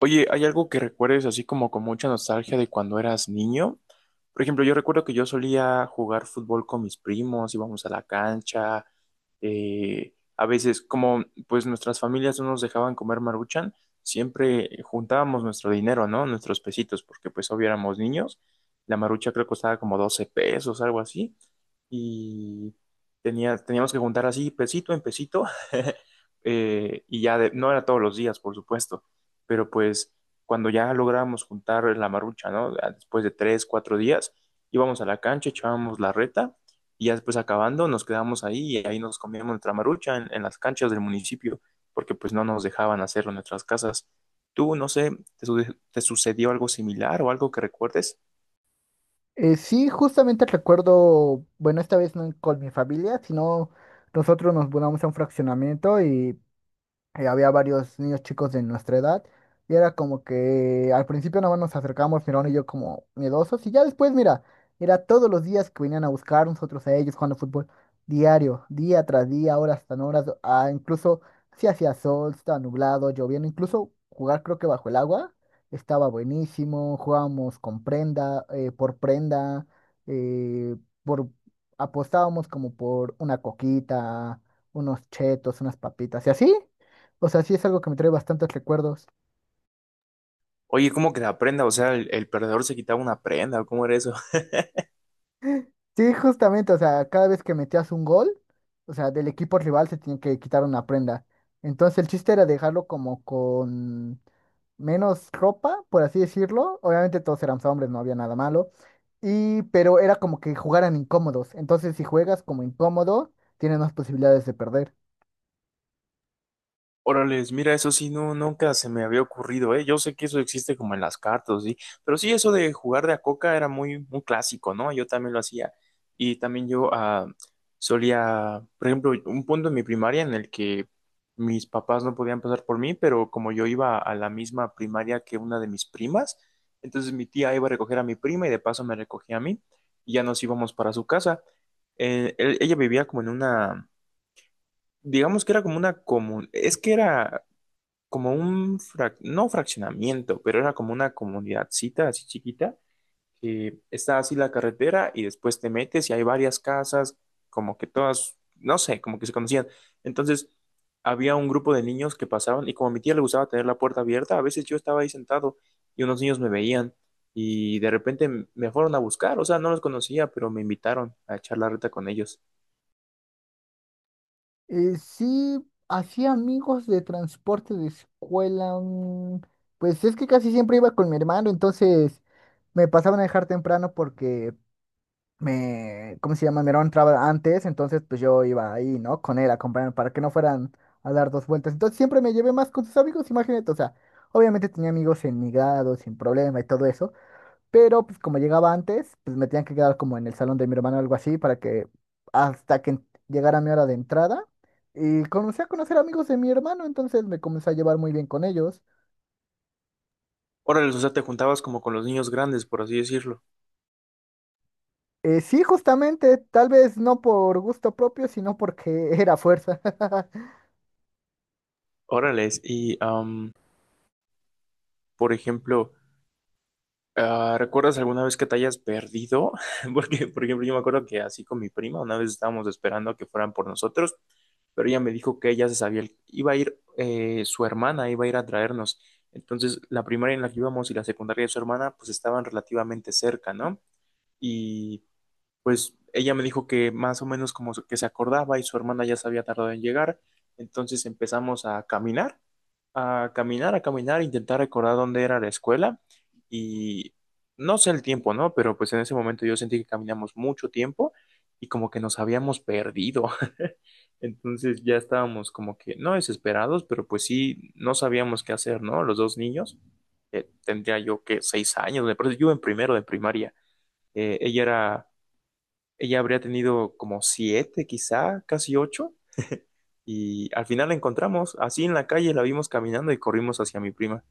Oye, ¿hay algo que recuerdes así como con mucha nostalgia de cuando eras niño? Por ejemplo, yo recuerdo que yo solía jugar fútbol con mis primos, íbamos a la cancha, a veces como pues nuestras familias no nos dejaban comer maruchan, siempre juntábamos nuestro dinero, ¿no? Nuestros pesitos, porque pues obviamente éramos niños, la marucha creo que costaba como 12 pesos, algo así, y teníamos que juntar así pesito en pesito. Y ya no era todos los días, por supuesto, pero pues cuando ya lográbamos juntar la marucha, ¿no? Después de tres, cuatro días, íbamos a la cancha, echábamos la reta y ya después acabando nos quedábamos ahí y ahí nos comíamos nuestra marucha en las canchas del municipio porque pues no nos dejaban hacerlo en nuestras casas. Tú, no sé, ¿ te sucedió algo similar o algo que recuerdes? Sí, justamente recuerdo, bueno, esta vez no con mi familia, sino nosotros nos mudamos a un fraccionamiento y había varios niños chicos de nuestra edad, y era como que al principio nada más nos acercamos, mi hermano y yo, como miedosos. Y ya después, mira, era todos los días que venían a buscar nosotros a ellos, jugando fútbol diario, día tras día, horas tras horas. Incluso si hacía sol, sí, estaba nublado, lloviendo, incluso jugar creo que bajo el agua estaba buenísimo. Jugábamos con prenda, por prenda, eh, por, apostábamos como por una coquita, unos chetos, unas papitas y así. O sea, sí, es algo que me trae bastantes recuerdos. Oye, ¿cómo que la prenda? O sea, el perdedor se quitaba una prenda, ¿cómo era eso? Sí, justamente, o sea, cada vez que metías un gol, o sea, del equipo rival se tenía que quitar una prenda. Entonces el chiste era dejarlo como con menos ropa, por así decirlo. Obviamente todos éramos hombres, no había nada malo. Y, pero era como que jugaran incómodos. Entonces si juegas como incómodo, tienes más posibilidades de perder. Órales, mira, eso sí, no, nunca se me había ocurrido, ¿eh? Yo sé que eso existe como en las cartas, ¿sí? Pero sí, eso de jugar de a coca era muy, muy clásico, ¿no? Yo también lo hacía. Y también yo, solía, por ejemplo, un punto en mi primaria en el que mis papás no podían pasar por mí, pero como yo iba a la misma primaria que una de mis primas, entonces mi tía iba a recoger a mi prima y de paso me recogía a mí y ya nos íbamos para su casa. Ella vivía como en una... Digamos que era como una común, es que era como un, no fraccionamiento, pero era como una comunidadcita así chiquita, que está así la carretera y después te metes y hay varias casas, como que todas, no sé, como que se conocían. Entonces, había un grupo de niños que pasaban y como a mi tía le gustaba tener la puerta abierta, a veces yo estaba ahí sentado y unos niños me veían y de repente me fueron a buscar, o sea, no los conocía, pero me invitaron a echar la reta con ellos. Sí, hacía amigos de transporte de escuela. Pues es que casi siempre iba con mi hermano, entonces me pasaban a dejar temprano porque me, ¿cómo se llama? Mi hermano entraba antes, entonces pues yo iba ahí, ¿no? Con él, a acompañando para que no fueran a dar 2 vueltas. Entonces siempre me llevé más con sus amigos, imagínate, o sea, obviamente tenía amigos en mi grado, sin problema y todo eso. Pero pues como llegaba antes, pues me tenían que quedar como en el salón de mi hermano o algo así para que hasta que llegara mi hora de entrada. Y comencé a conocer amigos de mi hermano, entonces me comencé a llevar muy bien con ellos. Órale, o sea, te juntabas como con los niños grandes, por así decirlo. Sí, justamente, tal vez no por gusto propio, sino porque era fuerza. Órales, y am, por ejemplo, ah, ¿recuerdas alguna vez que te hayas perdido? Porque, por ejemplo, yo me acuerdo que así con mi prima, una vez estábamos esperando a que fueran por nosotros, pero ella me dijo que ella se sabía, iba a ir, su hermana iba a ir a traernos. Entonces, la primaria en la que íbamos y la secundaria de su hermana, pues estaban relativamente cerca, ¿no? Y pues ella me dijo que más o menos como que se acordaba y su hermana ya se había tardado en llegar. Entonces empezamos a caminar, a caminar, intentar recordar dónde era la escuela y no sé el tiempo, ¿no? Pero pues en ese momento yo sentí que caminamos mucho tiempo y como que nos habíamos perdido. Entonces ya estábamos como que no desesperados, pero pues sí, no sabíamos qué hacer, ¿no? Los dos niños, tendría yo que 6 años, me parece, yo en primero de primaria. Eh, ella era, Ella habría tenido como 7 quizá, casi 8. Y al final la encontramos, así en la calle la vimos caminando y corrimos hacia mi prima.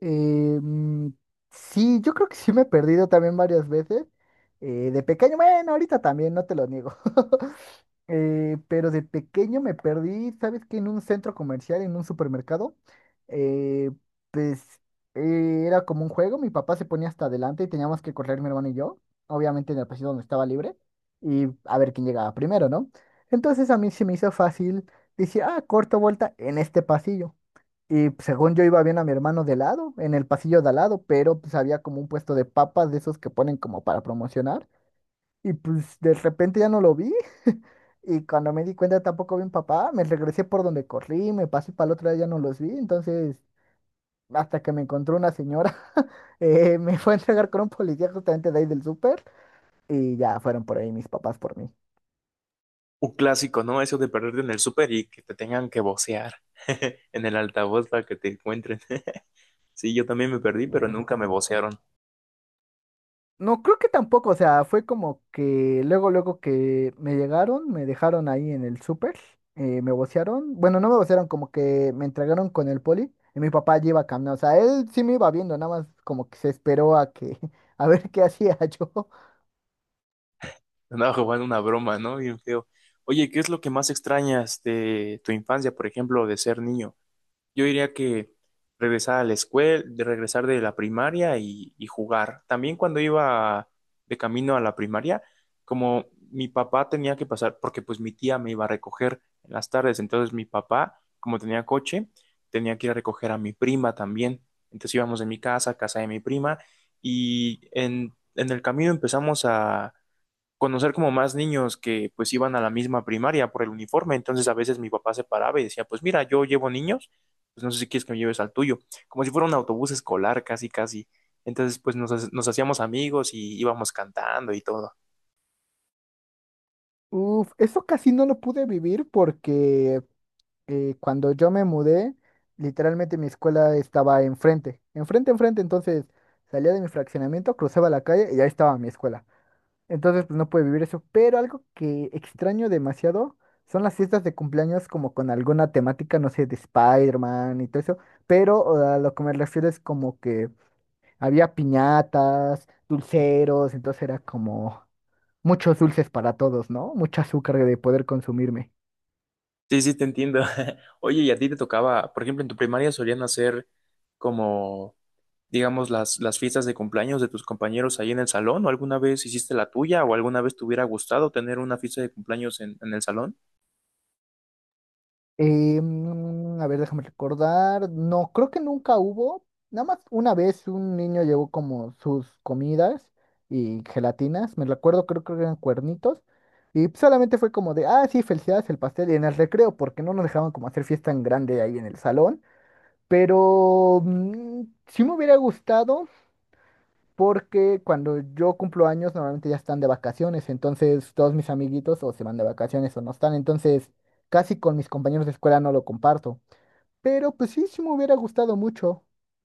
Eh, mm, sí, yo creo que sí me he perdido también varias veces. De pequeño, bueno, ahorita también, no te lo niego. Pero de pequeño me perdí, ¿sabes qué? En un centro comercial, en un supermercado, eh, pues era como un juego. Mi papá se ponía hasta adelante y teníamos que correr mi hermano y yo, obviamente en el pasillo donde estaba libre, y a ver quién llegaba primero, ¿no? Entonces a mí se me hizo fácil decir, ah, corto vuelta en este pasillo. Y pues, según yo iba bien, a mi hermano de lado, en el pasillo de al lado, pero pues había como un puesto de papas de esos que ponen como para promocionar. Y pues de repente ya no lo vi. Y cuando me di cuenta tampoco vi a mi papá. Me regresé por donde corrí, me pasé para el otro lado, ya no los vi. Entonces, hasta que me encontró una señora, me fue a entregar con un policía justamente de ahí del súper. Y ya fueron por ahí mis papás por mí. Un clásico, ¿no? Eso de perderte en el súper y que te tengan que vocear en el altavoz para que te encuentren. Sí, yo también me perdí, pero nunca me vocearon. No, creo que tampoco, o sea, fue como que luego, luego que me llegaron, me dejaron ahí en el súper, me vocearon, bueno, no me vocearon, como que me entregaron con el poli y mi papá ya iba caminando. O sea, él sí me iba viendo, nada más como que se esperó a que, a ver qué hacía yo. Andaba jugando una broma, ¿no? Bien feo. Oye, ¿qué es lo que más extrañas de tu infancia, por ejemplo, de ser niño? Yo diría que regresar a la escuela, de regresar de la primaria y jugar. También cuando iba de camino a la primaria, como mi papá tenía que pasar, porque pues mi tía me iba a recoger en las tardes, entonces mi papá, como tenía coche, tenía que ir a recoger a mi prima también. Entonces íbamos de mi casa a casa de mi prima y en el camino empezamos a conocer como más niños que pues iban a la misma primaria por el uniforme. Entonces a veces mi papá se paraba y decía, pues mira, yo llevo niños, pues no sé si quieres que me lleves al tuyo, como si fuera un autobús escolar casi, casi. Entonces pues nos hacíamos amigos y íbamos cantando y todo. Uf, eso casi no lo pude vivir porque cuando yo me mudé, literalmente mi escuela estaba enfrente, enfrente, enfrente. Entonces salía de mi fraccionamiento, cruzaba la calle y ahí estaba mi escuela. Entonces, pues no puede vivir eso. Pero algo que extraño demasiado son las fiestas de cumpleaños como con alguna temática, no sé, de Spider-Man y todo eso. Pero a lo que me refiero es como que había piñatas, dulceros, entonces era como muchos dulces para todos, ¿no? Mucho azúcar de poder consumirme. Sí, sí, te entiendo. Oye, ¿y a ti te tocaba, por ejemplo, en tu primaria solían hacer como, digamos, las fiestas de cumpleaños de tus compañeros ahí en el salón? ¿O alguna vez hiciste la tuya? ¿O alguna vez te hubiera gustado tener una fiesta de cumpleaños en el salón? A ver, déjame recordar. No, creo que nunca hubo. Nada más una vez un niño llevó como sus comidas y gelatinas. Me recuerdo, creo que eran cuernitos. Y solamente fue como de, ah, sí, felicidades, el pastel y en el recreo, porque no nos dejaban como hacer fiesta en grande ahí en el salón. Pero sí me hubiera gustado porque cuando yo cumplo años normalmente ya están de vacaciones. Entonces todos mis amiguitos o se van de vacaciones o no están. Entonces casi con mis compañeros de escuela no lo comparto. Pero pues sí, sí me hubiera gustado mucho.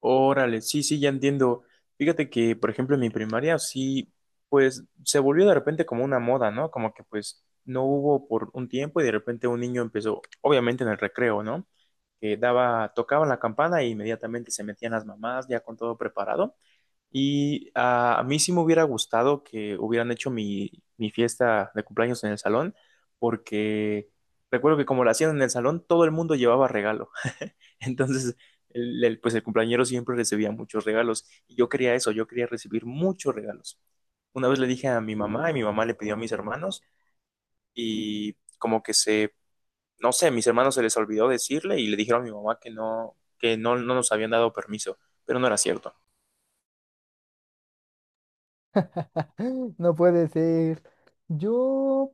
Órale, sí, sí, ya entiendo. Fíjate que, por ejemplo, en mi primaria sí, pues se volvió de repente como una moda, ¿no? Como que pues no hubo por un tiempo y de repente un niño empezó, obviamente en el recreo, ¿no? Que daba, tocaban la campana e inmediatamente se metían las mamás ya con todo preparado. A mí sí me hubiera gustado que hubieran hecho mi fiesta de cumpleaños en el salón, porque recuerdo que como la hacían en el salón, todo el mundo llevaba regalo. Entonces, pues el cumpleañero siempre recibía muchos regalos y yo quería eso, yo quería recibir muchos regalos. Una vez le dije a mi mamá y mi mamá le pidió a mis hermanos y como que se, no sé, a mis hermanos se les olvidó decirle y le dijeron a mi mamá que no, no nos habían dado permiso, pero no era cierto. No puede ser. Yo,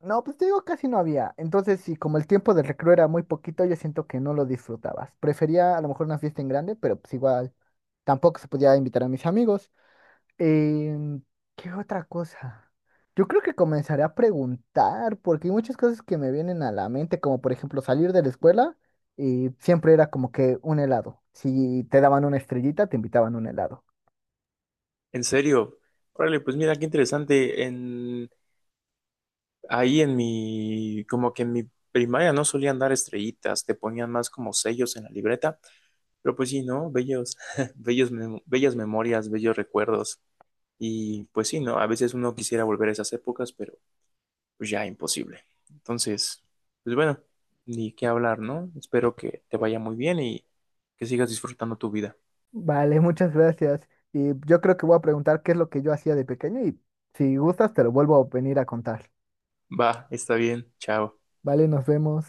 no, pues te digo, casi no había. Entonces, sí, como el tiempo de recreo era muy poquito, yo siento que no lo disfrutabas. Prefería a lo mejor una fiesta en grande, pero pues igual tampoco se podía invitar a mis amigos. Em, ¿Qué otra cosa? Yo creo que comenzaré a preguntar, porque hay muchas cosas que me vienen a la mente, como por ejemplo salir de la escuela y siempre era como que un helado. Si te daban una estrellita, te invitaban un helado. En serio, órale, pues mira qué interesante, ahí en mi, como que en mi primaria no solían dar estrellitas, te ponían más como sellos en la libreta. Pero pues sí, ¿no? Bellos, bellas memorias, bellos recuerdos. Y pues sí, ¿no? A veces uno quisiera volver a esas épocas, pero pues ya imposible. Entonces, pues bueno, ni qué hablar, ¿no? Espero que te vaya muy bien y que sigas disfrutando tu vida. Vale, muchas gracias. Y yo creo que voy a preguntar qué es lo que yo hacía de pequeño y si gustas te lo vuelvo a venir a contar. Va, está bien, chao. Vale, nos vemos.